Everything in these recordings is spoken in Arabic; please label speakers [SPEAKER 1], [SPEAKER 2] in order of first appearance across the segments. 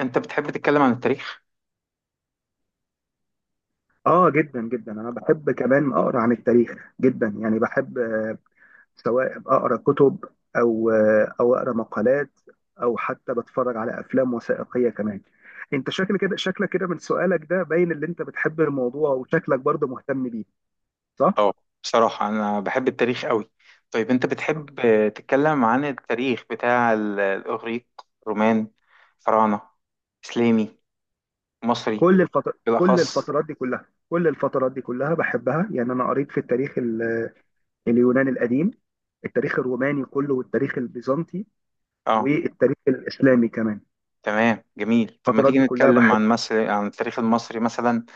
[SPEAKER 1] انت بتحب تتكلم عن التاريخ؟
[SPEAKER 2] اه، جدا جدا انا بحب كمان اقرا عن التاريخ جدا، يعني بحب سواء اقرا كتب او اقرا مقالات، او حتى بتفرج على افلام وثائقيه كمان. انت شكلك كده من سؤالك ده باين اللي انت بتحب الموضوع، وشكلك برضه مهتم بيه، صح؟
[SPEAKER 1] اه. بصراحة انا بحب التاريخ قوي. طيب انت
[SPEAKER 2] آه.
[SPEAKER 1] بتحب تتكلم عن التاريخ بتاع الاغريق، رومان، فراعنة، اسلامي، مصري.
[SPEAKER 2] كل الفتر... كل
[SPEAKER 1] بالاخص.
[SPEAKER 2] الفترات دي كلها كل الفترات دي كلها بحبها، يعني انا قريت في التاريخ اليوناني القديم، التاريخ الروماني كله، والتاريخ البيزنطي،
[SPEAKER 1] اه.
[SPEAKER 2] والتاريخ الاسلامي كمان.
[SPEAKER 1] تمام، جميل. طب ما
[SPEAKER 2] الفترات
[SPEAKER 1] تيجي
[SPEAKER 2] دي كلها
[SPEAKER 1] نتكلم
[SPEAKER 2] بحب.
[SPEAKER 1] عن مصر، عن التاريخ المصري مثلا،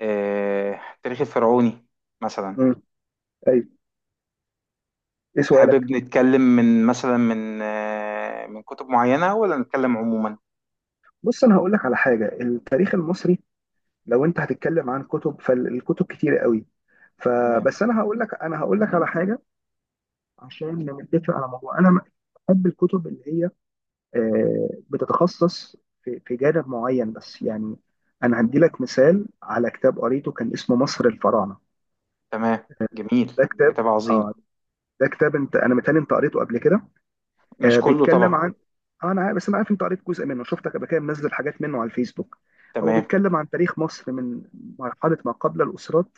[SPEAKER 1] التاريخ الفرعوني مثلا.
[SPEAKER 2] ايوه، ايه سؤالك؟
[SPEAKER 1] حابب نتكلم من مثلا من من كتب معينة ولا نتكلم عموما؟
[SPEAKER 2] بص، انا هقول لك على حاجه. التاريخ المصري لو انت هتتكلم عن كتب فالكتب كتير قوي،
[SPEAKER 1] تمام.
[SPEAKER 2] فبس انا هقول لك على حاجه عشان نتفق على موضوع. انا بحب الكتب اللي هي بتتخصص في جانب معين بس يعني. انا هدي لك مثال على كتاب قريته كان اسمه مصر الفراعنه.
[SPEAKER 1] تمام، جميل.
[SPEAKER 2] ده كتاب.
[SPEAKER 1] كتاب عظيم.
[SPEAKER 2] اه. ده كتاب انا متهيألي انت قريته قبل كده.
[SPEAKER 1] مش كله
[SPEAKER 2] بيتكلم
[SPEAKER 1] طبعا.
[SPEAKER 2] عن، بس انا عارف انت قريت جزء منه، شفتك قبل كده منزل حاجات منه على الفيسبوك. هو
[SPEAKER 1] تمام.
[SPEAKER 2] بيتكلم عن تاريخ مصر من مرحله ما قبل الاسرات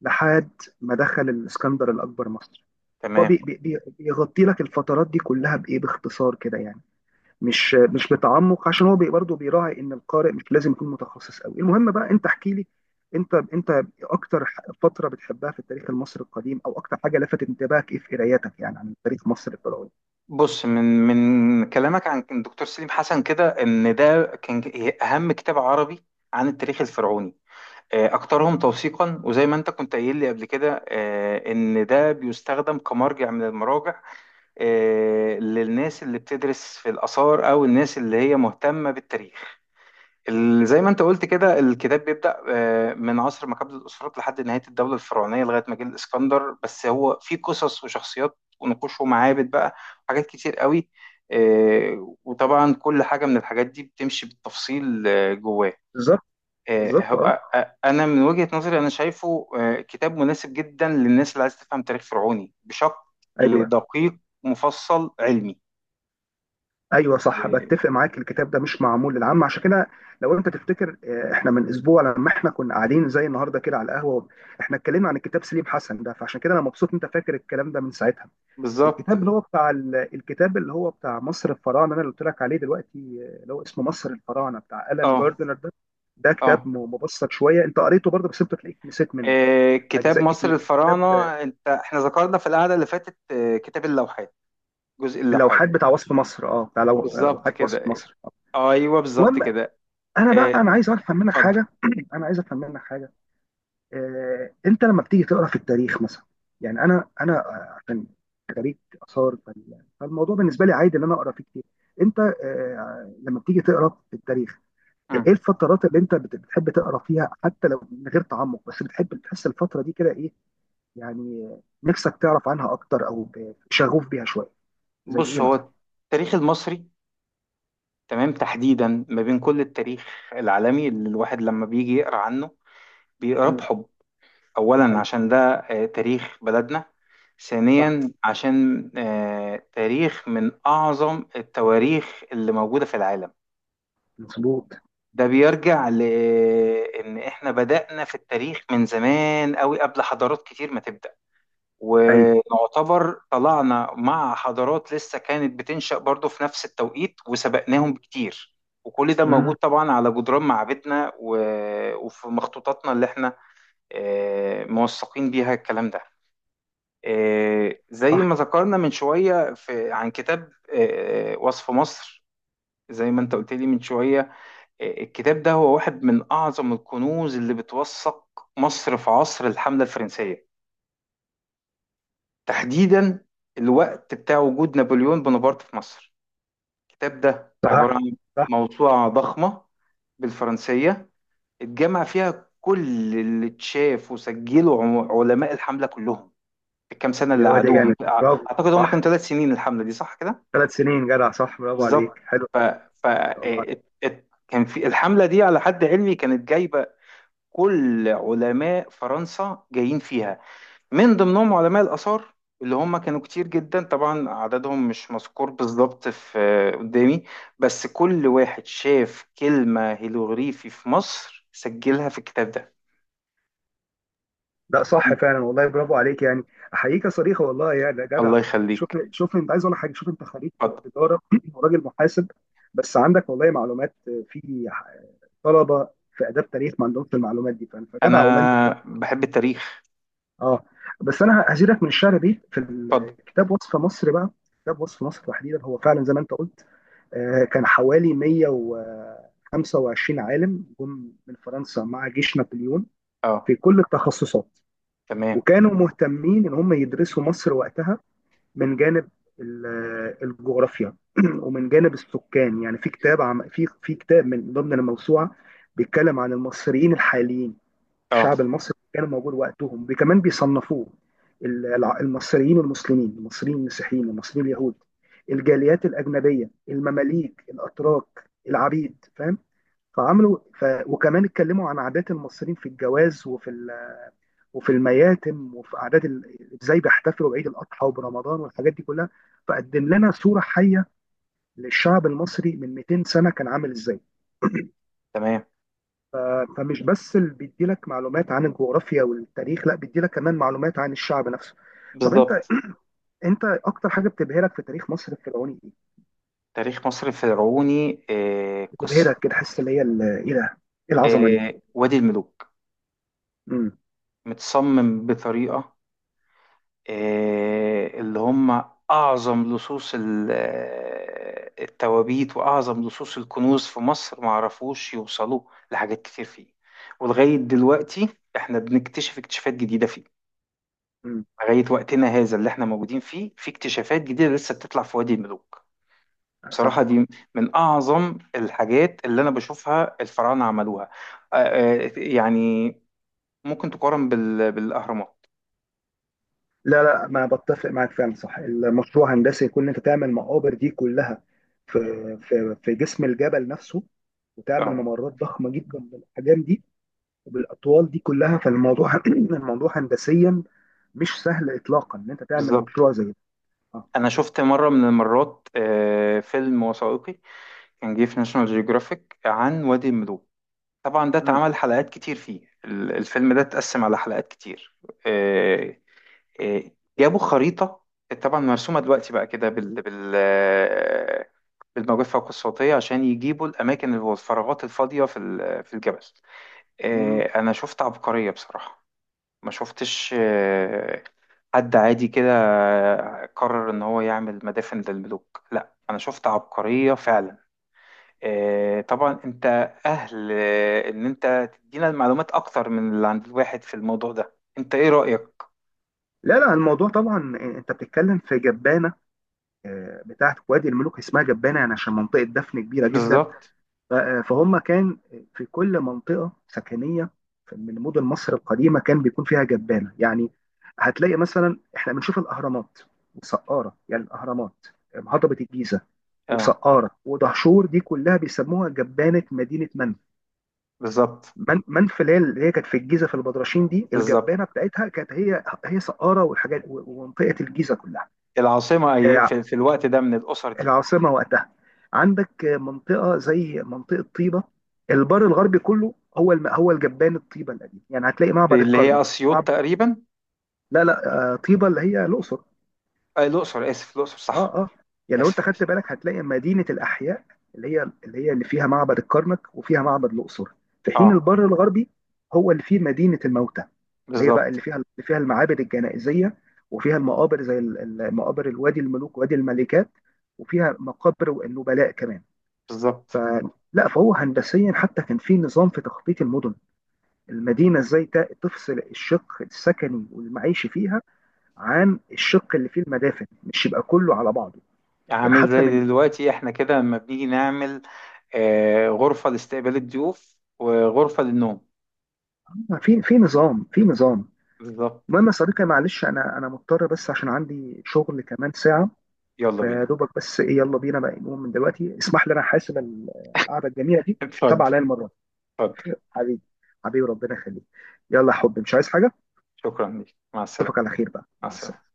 [SPEAKER 2] لحد ما دخل الاسكندر الاكبر مصر.
[SPEAKER 1] تمام.
[SPEAKER 2] فبيغطي لك الفترات دي كلها بايه، باختصار كده يعني، مش بتعمق، عشان هو برضه بيراعي ان القارئ مش لازم يكون متخصص قوي. المهم بقى، انت احكي لي، انت اكتر فتره بتحبها في التاريخ المصري القديم، او اكتر حاجه لفتت انتباهك ايه في قرايتك، يعني عن تاريخ مصر الفرعوني.
[SPEAKER 1] بص، من كلامك عن الدكتور سليم حسن كده ان ده كان اهم كتاب عربي عن التاريخ الفرعوني، اكثرهم توثيقا، وزي ما انت كنت قايل لي قبل كده ان ده بيستخدم كمرجع من المراجع للناس اللي بتدرس في الاثار او الناس اللي هي مهتمة بالتاريخ. زي ما انت قلت كده، الكتاب بيبدأ من عصر ما قبل الأسرات لحد نهاية الدولة الفرعونية، لغاية ما جه الإسكندر. بس هو فيه قصص وشخصيات ونقوش ومعابد بقى، حاجات كتير قوي. وطبعا كل حاجة من الحاجات دي بتمشي بالتفصيل جواه.
[SPEAKER 2] بالظبط. بالظبط، اه.
[SPEAKER 1] أنا من وجهة نظري أنا شايفه كتاب مناسب جدا للناس اللي عايز تفهم تاريخ فرعوني بشكل
[SPEAKER 2] ايوه.
[SPEAKER 1] دقيق، مفصل، علمي.
[SPEAKER 2] ايوه، صح،
[SPEAKER 1] آه،
[SPEAKER 2] بتفق معاك. الكتاب ده مش معمول للعامه، عشان كده. لو انت تفتكر، احنا من اسبوع، لما احنا كنا قاعدين زي النهارده كده على القهوه، احنا اتكلمنا عن الكتاب سليم حسن ده، فعشان كده انا مبسوط انت فاكر الكلام ده من ساعتها.
[SPEAKER 1] بالظبط.
[SPEAKER 2] الكتاب اللي هو بتاع ال- الكتاب اللي هو بتاع مصر الفراعنه انا اللي قلت لك عليه دلوقتي، اللي هو اسمه مصر الفراعنه بتاع الان
[SPEAKER 1] اه
[SPEAKER 2] جاردنر ده. ده كتاب
[SPEAKER 1] اه.
[SPEAKER 2] مبسط شويه. انت قريته برضه، بس انت تلاقيك نسيت منه
[SPEAKER 1] كتاب
[SPEAKER 2] اجزاء
[SPEAKER 1] مصر
[SPEAKER 2] كتير. كتاب
[SPEAKER 1] الفراعنة. انت، احنا ذكرنا في القعدة اللي فاتت كتاب اللوحات، جزء اللوحات.
[SPEAKER 2] اللوحات بتاع وصف مصر، اه، بتاع
[SPEAKER 1] بالظبط
[SPEAKER 2] لوحات وصف
[SPEAKER 1] كده.
[SPEAKER 2] مصر.
[SPEAKER 1] ايوه بالظبط
[SPEAKER 2] المهم،
[SPEAKER 1] كده.
[SPEAKER 2] انا
[SPEAKER 1] آه،
[SPEAKER 2] بقى انا عايز افهم منك
[SPEAKER 1] اتفضل.
[SPEAKER 2] حاجه انا عايز افهم منك حاجه. انت لما بتيجي تقرا في التاريخ مثلا، يعني انا، عشان خريج اثار، فالموضوع بالنسبه لي عادي ان انا اقرا فيه كتير. انت لما بتيجي تقرا في التاريخ، ايه
[SPEAKER 1] مم.
[SPEAKER 2] الفترات اللي انت بتحب تقرا فيها حتى لو من غير تعمق، بس بتحب تحس الفتره دي كده ايه، يعني نفسك تعرف عنها اكتر، او شغوف بيها شويه، زي ايه
[SPEAKER 1] بص،
[SPEAKER 2] مثلا؟
[SPEAKER 1] هو التاريخ المصري، تمام، تحديدا ما بين كل التاريخ العالمي اللي الواحد لما بيجي يقرا عنه بيقراه
[SPEAKER 2] امم.
[SPEAKER 1] بحب. اولا
[SPEAKER 2] ايوه،
[SPEAKER 1] عشان ده تاريخ بلدنا.
[SPEAKER 2] صح،
[SPEAKER 1] ثانيا عشان تاريخ من اعظم التواريخ اللي موجودة في العالم.
[SPEAKER 2] مظبوط.
[SPEAKER 1] ده بيرجع لان احنا بدأنا في التاريخ من زمان قوي قبل حضارات كتير ما تبدأ،
[SPEAKER 2] ايوه.
[SPEAKER 1] ونعتبر طلعنا مع حضارات لسه كانت بتنشأ برضو في نفس التوقيت وسبقناهم بكتير. وكل ده موجود
[SPEAKER 2] امم.
[SPEAKER 1] طبعا على جدران معابدنا وفي مخطوطاتنا اللي احنا موثقين بيها الكلام ده. زي
[SPEAKER 2] صح.
[SPEAKER 1] ما ذكرنا من شوية في عن كتاب وصف مصر. زي ما انت قلت لي من شوية، الكتاب ده هو واحد من أعظم الكنوز اللي بتوثق مصر في عصر الحملة الفرنسية، تحديدا الوقت بتاع وجود نابليون بونابرت في مصر. الكتاب ده عبارة عن
[SPEAKER 2] صح.
[SPEAKER 1] موسوعة ضخمة، بالفرنسية، اتجمع فيها كل اللي اتشاف وسجله علماء الحملة كلهم في الكام سنة اللي
[SPEAKER 2] يا واد يا
[SPEAKER 1] قعدوهم.
[SPEAKER 2] جامد، برافو.
[SPEAKER 1] أعتقد هم كانوا
[SPEAKER 2] صح،
[SPEAKER 1] ثلاث سنين الحملة دي، صح كده؟
[SPEAKER 2] ثلاث سنين، جدع، صح، برافو عليك،
[SPEAKER 1] بالظبط.
[SPEAKER 2] حلو،
[SPEAKER 1] ف...
[SPEAKER 2] ما شاء الله عليك.
[SPEAKER 1] إيه، كان في الحملة دي على حد علمي كانت جايبة كل علماء فرنسا جايين فيها، من ضمنهم علماء الآثار اللي هم كانوا كتير جدا. طبعا عددهم مش مذكور بالظبط في قدامي. بس كل واحد شاف كلمة هيلوغريفي في مصر سجلها في الكتاب ده.
[SPEAKER 2] لا صح فعلا، والله برافو عليك يعني، احييك يا صريخه، والله يا ده جدع.
[SPEAKER 1] الله
[SPEAKER 2] شوف
[SPEAKER 1] يخليك.
[SPEAKER 2] شوف، انت عايز اقول لك حاجه، شوف، انت خريج
[SPEAKER 1] اتفضل.
[SPEAKER 2] تجاره وراجل محاسب، بس عندك والله معلومات في طلبه في اداب تاريخ ما عندهمش المعلومات دي،
[SPEAKER 1] انا
[SPEAKER 2] فجدع والله انت.
[SPEAKER 1] بحب التاريخ.
[SPEAKER 2] اه. بس انا هزيدك من الشعر بيت في
[SPEAKER 1] اتفضل.
[SPEAKER 2] كتاب وصف مصر بقى. كتاب وصف مصر تحديدا، هو فعلا زي ما انت قلت، كان حوالي 125 عالم جم من فرنسا مع جيش نابليون،
[SPEAKER 1] اه.
[SPEAKER 2] في كل التخصصات.
[SPEAKER 1] تمام.
[SPEAKER 2] وكانوا مهتمين ان هم يدرسوا مصر وقتها من جانب ال- الجغرافيا ومن جانب السكان. يعني في كتاب، عم في في كتاب من ضمن الموسوعة بيتكلم عن المصريين الحاليين.
[SPEAKER 1] اه.
[SPEAKER 2] الشعب المصري كان موجود وقتهم، وكمان بيصنفوه، المصريين المسلمين، المصريين المسيحيين، المصريين اليهود، الجاليات الأجنبية، المماليك، الأتراك، العبيد، فاهم؟ فعملوا وكمان اتكلموا عن عادات المصريين في الجواز، وفي المياتم، وفي عادات ازاي بيحتفلوا بعيد الأضحى وبرمضان والحاجات دي كلها. فقدم لنا صورة حية للشعب المصري من 200 سنة كان عامل ازاي.
[SPEAKER 1] تمام.
[SPEAKER 2] ف- فمش بس اللي بيديلك معلومات عن الجغرافيا والتاريخ، لا، بيديلك كمان معلومات عن الشعب نفسه. طب انت
[SPEAKER 1] بالظبط.
[SPEAKER 2] انت اكتر حاجه بتبهرك في تاريخ مصر الفرعوني ايه؟
[SPEAKER 1] تاريخ مصر الفرعوني،
[SPEAKER 2] بتبهرك
[SPEAKER 1] قصة،
[SPEAKER 2] كده، حاسس اللي هي ايه ده، ايه العظمه دي؟
[SPEAKER 1] وادي الملوك.
[SPEAKER 2] امم.
[SPEAKER 1] متصمم بطريقة اللي هم أعظم لصوص التوابيت وأعظم لصوص الكنوز في مصر ما عرفوش يوصلوا لحاجات كتير فيه. ولغاية دلوقتي احنا بنكتشف اكتشافات جديدة فيه.
[SPEAKER 2] امم.
[SPEAKER 1] لغاية وقتنا هذا اللي احنا موجودين فيه في اكتشافات جديدة لسه بتطلع في وادي الملوك. بصراحة
[SPEAKER 2] صح.
[SPEAKER 1] دي من أعظم الحاجات اللي أنا بشوفها الفراعنة عملوها. يعني ممكن تقارن بالأهرامات.
[SPEAKER 2] لا لا، ما بتفق معاك، فعلا صح. المشروع هندسي يكون انت تعمل مقابر دي كلها في في جسم الجبل نفسه، وتعمل
[SPEAKER 1] اه
[SPEAKER 2] ممرات ضخمه جدا بالاحجام دي وبالاطوال دي كلها، فالموضوع الموضوع هندسيا مش سهل اطلاقا ان انت تعمل
[SPEAKER 1] بالظبط.
[SPEAKER 2] مشروع زي ده. آه.
[SPEAKER 1] انا شفت مره من المرات فيلم وثائقي كان جه في ناشونال جيوغرافيك عن وادي الملوك. طبعا ده
[SPEAKER 2] مم.
[SPEAKER 1] اتعمل حلقات كتير فيه، الفيلم ده اتقسم على حلقات كتير. آه، آه، جابوا خريطه، طبعا مرسومه دلوقتي بقى كده بالموجات الفوق الصوتيه عشان يجيبوا الاماكن اللي هو الفراغات الفاضيه في الجبل.
[SPEAKER 2] مم.
[SPEAKER 1] انا شفت عبقريه بصراحه. ما شفتش حد عادي كده قرر ان هو يعمل مدافن للملوك. لا، انا شفت عبقرية فعلا. طبعا انت اهل ان انت تدينا المعلومات اكتر من اللي عند الواحد في الموضوع ده. انت ايه رأيك؟
[SPEAKER 2] لا لا، الموضوع طبعا، انت بتتكلم في جبانه، بتاعت وادي الملوك. اسمها جبانه يعني عشان منطقه دفن كبيره جدا.
[SPEAKER 1] بالظبط.
[SPEAKER 2] فهم كان في كل منطقه سكنيه من مدن مصر القديمه كان بيكون فيها جبانه، يعني هتلاقي مثلا احنا بنشوف الاهرامات وسقاره. يعني الاهرامات، هضبه الجيزه
[SPEAKER 1] اه
[SPEAKER 2] وسقاره ودهشور، دي كلها بيسموها جبانه مدينه منى.
[SPEAKER 1] بالظبط.
[SPEAKER 2] من منف، اللي هي كانت في الجيزه في البدرشين، دي
[SPEAKER 1] بالظبط.
[SPEAKER 2] الجبانه بتاعتها كانت هي هي سقاره والحاجات، و- ومنطقه الجيزه كلها.
[SPEAKER 1] العاصمة
[SPEAKER 2] آه،
[SPEAKER 1] في الوقت ده من الأسر دي.
[SPEAKER 2] العاصمه وقتها، عندك منطقه زي منطقه طيبه. البر الغربي كله هو هو الجبان الطيبه القديم، يعني هتلاقي معبد
[SPEAKER 1] اللي هي
[SPEAKER 2] الكرنك
[SPEAKER 1] أسيوط تقريبا.
[SPEAKER 2] لا لا، طيبه اللي هي الاقصر.
[SPEAKER 1] الأقصر، آسف، الأقصر
[SPEAKER 2] اه،
[SPEAKER 1] صح.
[SPEAKER 2] اه. يعني لو انت
[SPEAKER 1] آسف،
[SPEAKER 2] خدت
[SPEAKER 1] آسف.
[SPEAKER 2] بالك، هتلاقي مدينه الاحياء اللي فيها معبد الكرنك وفيها معبد الاقصر، في حين
[SPEAKER 1] اه
[SPEAKER 2] البر الغربي هو اللي فيه مدينه الموتى، اللي هي بقى
[SPEAKER 1] بالظبط.
[SPEAKER 2] اللي فيها المعابد الجنائزيه، وفيها المقابر زي مقابر الوادي الملوك، وادي الملكات، وفيها مقابر النبلاء كمان.
[SPEAKER 1] بالظبط.
[SPEAKER 2] فهو هندسيا حتى كان في نظام في تخطيط المدن. المدينه ازاي تفصل الشق السكني والمعيشي فيها عن الشق اللي فيه المدافن، مش يبقى كله على بعضه، يعني
[SPEAKER 1] عامل
[SPEAKER 2] حتى
[SPEAKER 1] زي
[SPEAKER 2] من
[SPEAKER 1] دلوقتي احنا كده لما بنيجي نعمل غرفة لاستقبال الضيوف وغرفة للنوم.
[SPEAKER 2] في نظام، في نظام.
[SPEAKER 1] بالظبط.
[SPEAKER 2] المهم يا صديقي، معلش انا مضطر، بس عشان عندي شغل كمان ساعة،
[SPEAKER 1] يلا بينا.
[SPEAKER 2] فدوبك بس ايه، يلا بينا بقى نقوم من دلوقتي. اسمح لي انا حاسب القعدة الجميلة دي، حساب
[SPEAKER 1] اتفضل.
[SPEAKER 2] عليا المرة دي.
[SPEAKER 1] اتفضل.
[SPEAKER 2] حبيبي، حبيبي، ربنا يخليك. يلا يا حبيبي، مش عايز حاجة.
[SPEAKER 1] شكرا ليك. مع
[SPEAKER 2] اشوفك
[SPEAKER 1] السلامة.
[SPEAKER 2] على خير بقى،
[SPEAKER 1] مع
[SPEAKER 2] مع السلامة.
[SPEAKER 1] السلامة.